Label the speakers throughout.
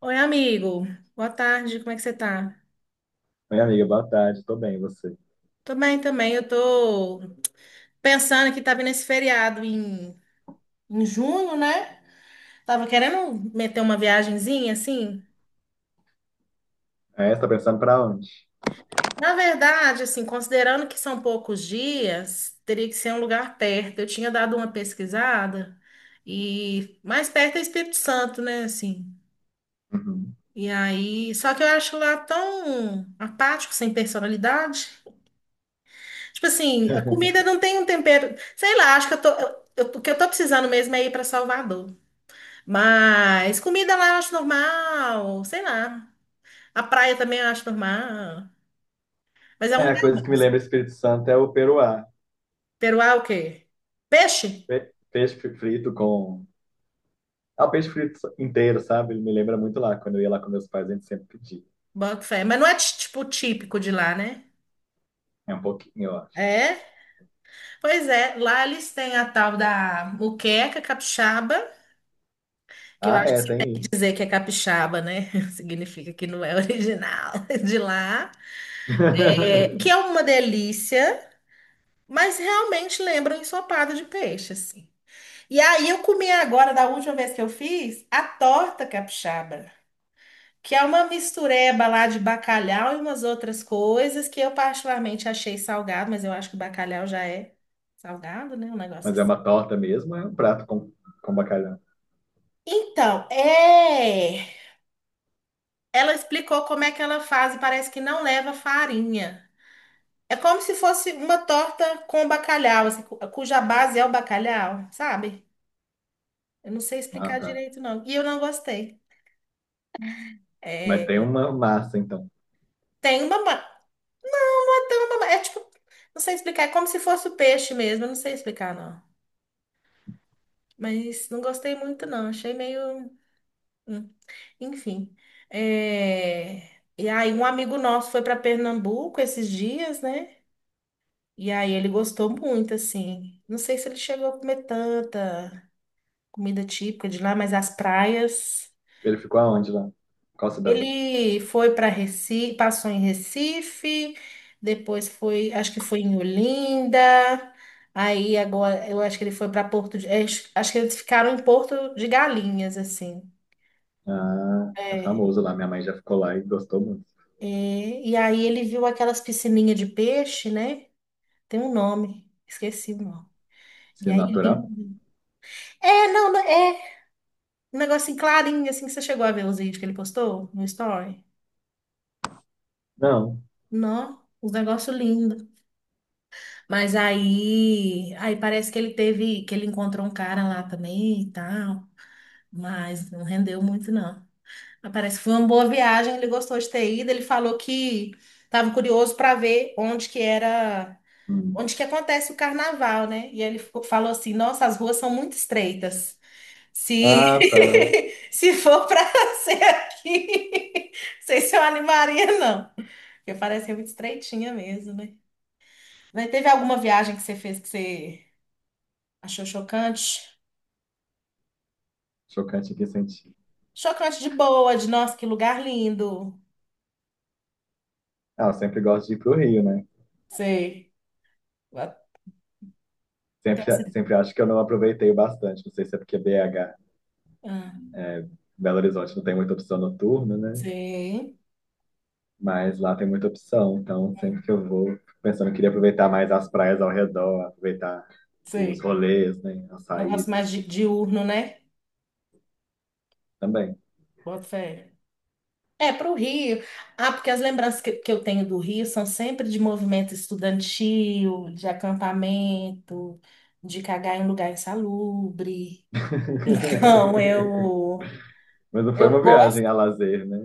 Speaker 1: Oi, amigo. Boa tarde, como é que você tá?
Speaker 2: Oi, amiga, boa tarde, tô bem, e você?
Speaker 1: Tô bem também. Eu tô pensando que tá vindo esse feriado em junho, né? Tava querendo meter uma viagenzinha, assim.
Speaker 2: É, você tá pensando pra onde?
Speaker 1: Na verdade, assim, considerando que são poucos dias, teria que ser um lugar perto. Eu tinha dado uma pesquisada e mais perto é Espírito Santo, né, assim.
Speaker 2: Uhum.
Speaker 1: E aí, só que eu acho lá tão apático, sem personalidade. Tipo assim, a comida não tem um tempero. Sei lá, acho que eu o que eu tô precisando mesmo é ir pra Salvador. Mas comida lá eu acho normal, sei lá. A praia também eu acho normal. Mas é um
Speaker 2: É, a
Speaker 1: lugar bom,
Speaker 2: coisa que me
Speaker 1: assim.
Speaker 2: lembra Espírito Santo é o peruá.
Speaker 1: Peruá é o quê? Peixe?
Speaker 2: Peixe frito com... Ah, o peixe frito inteiro, sabe? Ele me lembra muito lá, quando eu ia lá com meus pais, a gente sempre pedia.
Speaker 1: Boto fé. Mas não é tipo típico de lá, né?
Speaker 2: É um pouquinho, eu acho.
Speaker 1: É? Pois é, lá eles têm a tal da muqueca capixaba, que eu
Speaker 2: Ah,
Speaker 1: acho que
Speaker 2: é,
Speaker 1: se tem
Speaker 2: tem
Speaker 1: que
Speaker 2: isso.
Speaker 1: dizer que é capixaba, né? Significa que não é original de lá. É, que é uma delícia. Mas realmente lembra um ensopado de peixe, assim. E aí eu comi agora, da última vez que eu fiz, a torta capixaba, que é uma mistureba lá de bacalhau e umas outras coisas que eu particularmente achei salgado, mas eu acho que o bacalhau já é salgado, né? Um negócio
Speaker 2: Mas é
Speaker 1: assim.
Speaker 2: uma torta mesmo, é um prato com bacalhau.
Speaker 1: Então, é. Ela explicou como é que ela faz e parece que não leva farinha. É como se fosse uma torta com bacalhau, assim, cuja base é o bacalhau, sabe? Eu não sei
Speaker 2: Ah,
Speaker 1: explicar
Speaker 2: tá.
Speaker 1: direito, não. E eu não gostei.
Speaker 2: Mas tem
Speaker 1: É,
Speaker 2: uma massa, então.
Speaker 1: tem uma. ma- não Tem uma É tipo. Não sei explicar. É como se fosse o peixe mesmo. Eu não sei explicar, não. Mas não gostei muito, não. Achei meio, hum, enfim. É, e aí, um amigo nosso foi para Pernambuco esses dias, né? E aí, ele gostou muito, assim. Não sei se ele chegou a comer tanta comida típica de lá, mas as praias.
Speaker 2: Ele ficou aonde lá? Qual cidade?
Speaker 1: Ele foi para Recife, passou em Recife, depois foi, acho que foi em Olinda. Aí agora, eu acho que ele foi para Porto, de, é, acho que eles ficaram em Porto de Galinhas, assim.
Speaker 2: Ah, é
Speaker 1: É.
Speaker 2: famoso lá. Minha mãe já ficou lá e gostou muito.
Speaker 1: E, e aí ele viu aquelas piscininhas de peixe, né? Tem um nome, esqueci o nome. E
Speaker 2: Se é
Speaker 1: aí
Speaker 2: natural?
Speaker 1: lindo. É, não, não, é um negócio clarinho, assim, que você chegou a ver os vídeos que ele postou no story.
Speaker 2: Não.
Speaker 1: Não, um negócio lindo. Mas aí, aí parece que ele teve, que ele encontrou um cara lá também e tal, mas não rendeu muito não. Mas parece que foi uma boa viagem, ele gostou de ter ido, ele falou que estava curioso para ver onde que era,
Speaker 2: Hum.
Speaker 1: onde que acontece o carnaval, né? E ele ficou- falou assim: "Nossa, as ruas são muito estreitas. Se
Speaker 2: Ah, tá.
Speaker 1: se for para ser aqui, não sei se eu animaria não, porque parece ser muito estreitinha mesmo, né?" Mas teve alguma viagem que você fez que você achou chocante?
Speaker 2: Chocante em que sentido?
Speaker 1: Chocante de boa, de nossa, que lugar lindo.
Speaker 2: Ah, eu sempre gosto de ir pro Rio, né?
Speaker 1: Sei. Até
Speaker 2: Sempre,
Speaker 1: se-
Speaker 2: sempre acho que eu não aproveitei o bastante. Não sei se é porque BH,
Speaker 1: ah,
Speaker 2: Belo Horizonte, não tem muita opção noturna, né?
Speaker 1: sei.
Speaker 2: Mas lá tem muita opção. Então, sempre que eu vou, fico pensando que queria aproveitar mais as praias ao redor, aproveitar os
Speaker 1: Sei.
Speaker 2: rolês, né? As
Speaker 1: Um negócio
Speaker 2: saídas
Speaker 1: mais diurno, né?
Speaker 2: também.
Speaker 1: Bota fé. É, para o Rio. Ah, porque as lembranças que eu tenho do Rio são sempre de movimento estudantil, de acampamento, de cagar em lugar insalubre. Então,
Speaker 2: Mas não foi
Speaker 1: eu
Speaker 2: uma
Speaker 1: gosto.
Speaker 2: viagem a lazer, né?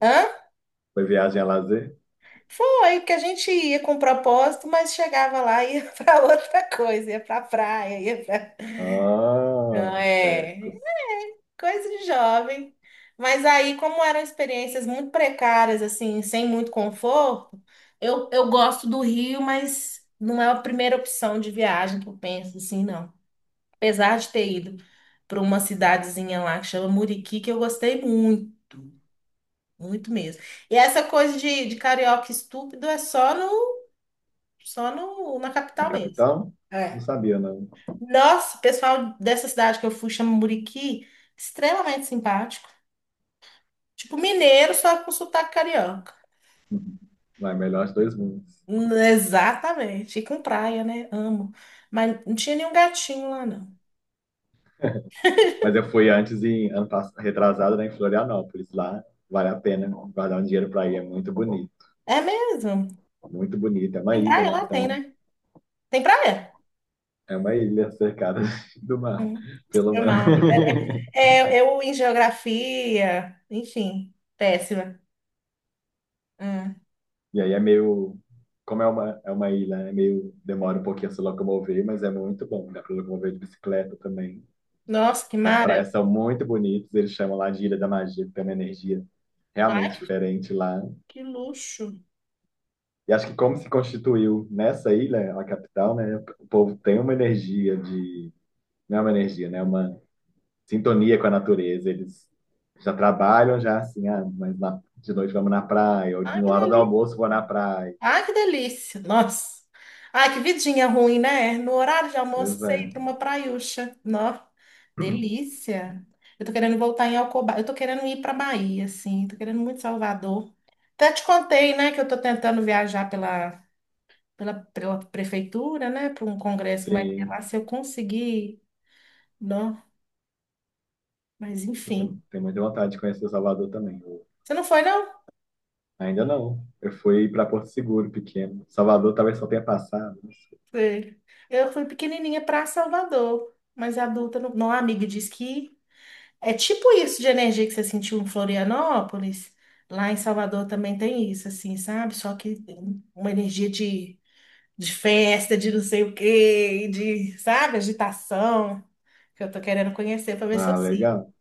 Speaker 1: Hã?
Speaker 2: Foi viagem a lazer?
Speaker 1: Foi, porque a gente ia com propósito, mas chegava lá e ia para outra coisa, ia para praia, ia para.
Speaker 2: Ah,
Speaker 1: Não é,
Speaker 2: espertos.
Speaker 1: coisa de jovem. Mas aí, como eram experiências muito precárias, assim, sem muito conforto, eu gosto do Rio, mas não é a primeira opção de viagem que eu penso, assim, não. Apesar de ter ido para uma cidadezinha lá que chama Muriqui, que eu gostei muito, muito mesmo. E essa coisa de carioca estúpido é só no. Só no, na
Speaker 2: Na
Speaker 1: capital mesmo.
Speaker 2: capital? Não
Speaker 1: É.
Speaker 2: sabia, não.
Speaker 1: Nossa, o pessoal dessa cidade que eu fui, chama Muriqui, extremamente simpático. Tipo mineiro, só com sotaque carioca.
Speaker 2: Vai melhor os dois mundos.
Speaker 1: Exatamente. E com praia, né? Amo. Mas não tinha nenhum gatinho lá, não.
Speaker 2: Mas eu fui antes em retrasado, né, em Florianópolis. Lá vale a pena guardar um dinheiro para ir. É muito bonito.
Speaker 1: É mesmo?
Speaker 2: Muito bonito. É uma
Speaker 1: Tem
Speaker 2: ilha,
Speaker 1: praia
Speaker 2: né?
Speaker 1: lá? Tem,
Speaker 2: Então,
Speaker 1: né? Tem praia?
Speaker 2: é uma ilha cercada do mar,
Speaker 1: Hum,
Speaker 2: pelo
Speaker 1: foi
Speaker 2: mar.
Speaker 1: mal, amiga. É, é, eu em geografia, enfim, péssima. Hum.
Speaker 2: E aí é meio. Como é uma ilha, é meio. Demora um pouquinho a se locomover, mas é muito bom. Dá para locomover de bicicleta também.
Speaker 1: Nossa, que
Speaker 2: E as
Speaker 1: mara.
Speaker 2: praias são muito bonitas. Eles chamam lá de Ilha da Magia, que tem uma energia
Speaker 1: Ai,
Speaker 2: realmente diferente lá.
Speaker 1: que luxo.
Speaker 2: E acho que como se constituiu nessa ilha, a capital, né? O povo tem uma energia de, não é uma energia, né? Uma sintonia com a natureza. Eles já trabalham já assim, ah, mas de noite vamos na praia, ou
Speaker 1: Ai,
Speaker 2: na
Speaker 1: que
Speaker 2: hora do
Speaker 1: delícia.
Speaker 2: almoço vou na praia.
Speaker 1: Ai, que delícia. Nossa. Ai, que vidinha ruim, né? No horário de almoço,
Speaker 2: Pois
Speaker 1: você ir
Speaker 2: é.
Speaker 1: para uma praiúcha. Nossa, delícia. Eu tô querendo voltar em Alcoba. Eu tô querendo ir para Bahia, assim. Tô querendo muito Salvador. Até te contei, né, que eu tô tentando viajar pela prefeitura, né, para um congresso que vai ter
Speaker 2: Sim,
Speaker 1: lá. Se eu conseguir, não. Mas,
Speaker 2: você
Speaker 1: enfim.
Speaker 2: tem muita vontade de conhecer Salvador também.
Speaker 1: Você não foi, não?
Speaker 2: Ainda não. Eu fui para Porto Seguro, pequeno. Salvador talvez só tenha passado, não sei.
Speaker 1: Foi. Eu fui pequenininha para Salvador. Mas adulta, não. Não, a amiga disse que é tipo isso de energia que você sentiu em Florianópolis. Lá em Salvador também tem isso, assim, sabe? Só que uma energia de festa, de não sei o quê, de, sabe, agitação, que eu tô querendo conhecer pra ver se eu
Speaker 2: Ah,
Speaker 1: sinto.
Speaker 2: legal.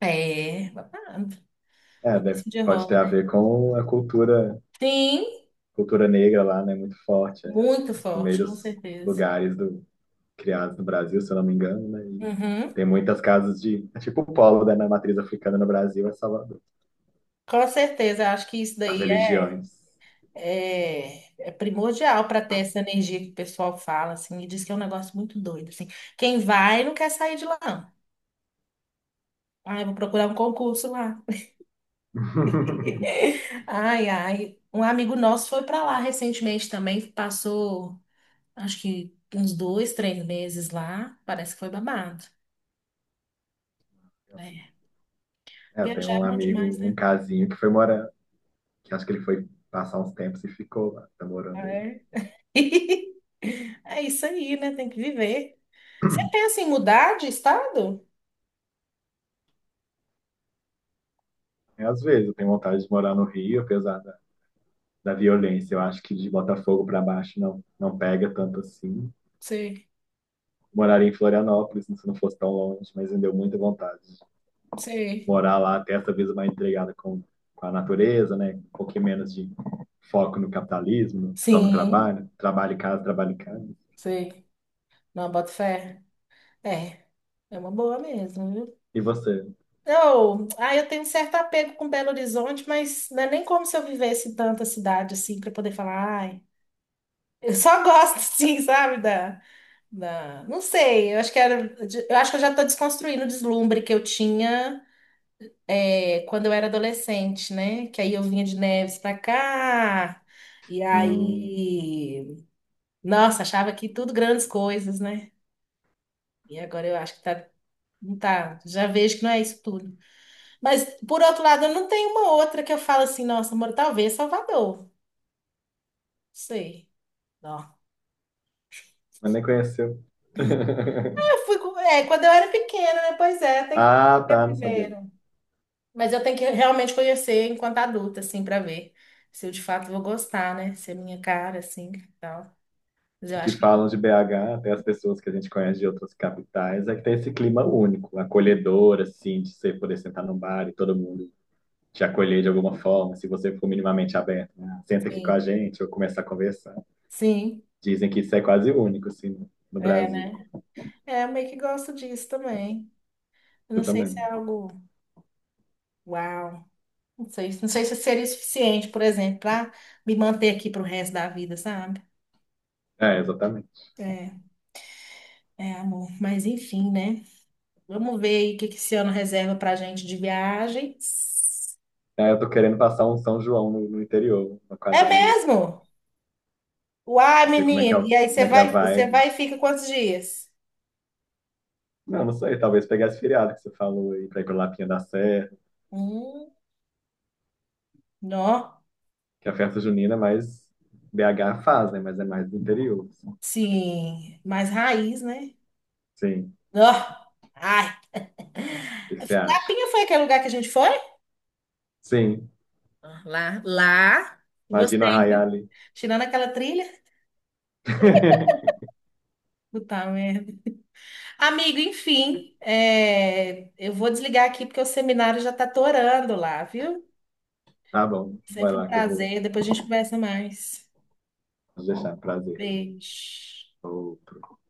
Speaker 1: É, babado.
Speaker 2: É,
Speaker 1: Vamos ver
Speaker 2: deve,
Speaker 1: se um dia
Speaker 2: pode
Speaker 1: rola,
Speaker 2: ter a
Speaker 1: né?
Speaker 2: ver com a
Speaker 1: Sim,
Speaker 2: cultura negra lá, né, muito forte, é
Speaker 1: muito
Speaker 2: um dos
Speaker 1: forte, com
Speaker 2: primeiros
Speaker 1: certeza.
Speaker 2: lugares do, criados no Brasil, se eu não me engano, né, e
Speaker 1: Uhum,
Speaker 2: tem muitas casas de, é tipo o polo, né, na matriz africana no Brasil é Salvador,
Speaker 1: com certeza, eu acho que isso
Speaker 2: as
Speaker 1: daí
Speaker 2: religiões.
Speaker 1: é, é primordial para ter essa energia que o pessoal fala, assim, e diz que é um negócio muito doido, assim. Quem vai não quer sair de lá, não. Ai, vou procurar um concurso lá. Ai, ai. Um amigo nosso foi para lá recentemente também, passou, acho que uns dois, três meses lá, parece que foi babado. É.
Speaker 2: É, eu tenho
Speaker 1: Viajar é
Speaker 2: um
Speaker 1: bom
Speaker 2: amigo,
Speaker 1: demais,
Speaker 2: um
Speaker 1: né?
Speaker 2: casinho que foi morar, que acho que ele foi passar uns tempos e ficou lá, tá morando lá.
Speaker 1: É. É isso aí, né? Tem que viver. Você pensa em mudar de estado?
Speaker 2: É, às vezes eu tenho vontade de morar no Rio, apesar da, da violência, eu acho que de Botafogo para baixo não, não pega tanto assim.
Speaker 1: Sei,
Speaker 2: Moraria em Florianópolis, se não fosse tão longe, mas me deu muita vontade
Speaker 1: sei.
Speaker 2: morar lá, ter essa vida mais entregada com a natureza, né? Um pouquinho menos de foco no capitalismo, só no
Speaker 1: Sim,
Speaker 2: trabalho, trabalho em casa, trabalho em casa.
Speaker 1: sei. Não, boto fé. É, é uma boa mesmo, viu?
Speaker 2: E você?
Speaker 1: Eu, ah, eu tenho um certo apego com Belo Horizonte, mas não é nem como se eu vivesse em tanta cidade assim para poder falar, ai. Eu só gosto, sim, sabe, da, da... Não sei, eu acho que era... Eu acho que eu já estou desconstruindo o deslumbre que eu tinha, é, quando eu era adolescente, né? Que aí eu vinha de Neves para cá, e
Speaker 2: Hum,
Speaker 1: aí... Nossa, achava que tudo grandes coisas, né? E agora eu acho que tá... Não tá, já vejo que não é isso tudo. Mas, por outro lado, eu não tenho uma outra que eu falo assim, nossa, amor, talvez Salvador. Não sei. Não.
Speaker 2: mas nem conheceu.
Speaker 1: Eu fui, é, quando eu era pequena, né? Pois é, tem que
Speaker 2: Ah,
Speaker 1: conhecer
Speaker 2: tá, não sabia.
Speaker 1: primeiro. Mas eu tenho que realmente conhecer enquanto adulta, assim, pra ver se eu de fato vou gostar, né? Se é minha cara, assim, e tal. Mas eu
Speaker 2: O que
Speaker 1: acho que
Speaker 2: falam de BH, até as pessoas que a gente conhece de outras capitais, é que tem esse clima único, acolhedor, assim, de você poder sentar num bar e todo mundo te acolher de alguma forma, se você for minimamente aberto, né? Senta aqui com a
Speaker 1: sim.
Speaker 2: gente ou começa a conversar.
Speaker 1: Sim,
Speaker 2: Dizem que isso é quase único, assim, no
Speaker 1: é,
Speaker 2: Brasil.
Speaker 1: né? É, eu meio que gosto disso também. Eu não
Speaker 2: Eu
Speaker 1: sei se
Speaker 2: também.
Speaker 1: é algo. Uau! Não sei, não sei se seria o suficiente, por exemplo, pra me manter aqui pro resto da vida, sabe?
Speaker 2: É, exatamente.
Speaker 1: É. É, amor, mas enfim, né? Vamos ver aí o que que esse ano reserva pra gente de viagens.
Speaker 2: É, eu tô querendo passar um São João no interior, uma
Speaker 1: É
Speaker 2: quadrilha, sabe?
Speaker 1: mesmo? Uai,
Speaker 2: Ver como é que é,
Speaker 1: menino. E aí
Speaker 2: como é que é a
Speaker 1: você
Speaker 2: vibe.
Speaker 1: vai e fica quantos dias?
Speaker 2: Não, não sei, talvez pegar esse feriado que você falou aí pra ir pra Lapinha da Serra,
Speaker 1: Hum, nó.
Speaker 2: que a festa junina é mais BH faz, né? Mas é mais do interior, assim.
Speaker 1: Sim, mais raiz, né?
Speaker 2: Sim.
Speaker 1: Nó. Ai.
Speaker 2: O que que você acha?
Speaker 1: Lapinha foi aquele lugar que a gente foi?
Speaker 2: Sim.
Speaker 1: Ah, lá, lá.
Speaker 2: Imagina
Speaker 1: Gostei,
Speaker 2: arraiar
Speaker 1: viu?
Speaker 2: ali.
Speaker 1: Tirando aquela trilha. Puta merda. Amigo, enfim, é, eu vou desligar aqui porque o seminário já tá torando lá, viu?
Speaker 2: Tá bom, vai
Speaker 1: Sempre um
Speaker 2: lá que eu vou
Speaker 1: prazer. Depois a gente conversa mais.
Speaker 2: deixar. Prazer, então.
Speaker 1: Beijo.
Speaker 2: Outro.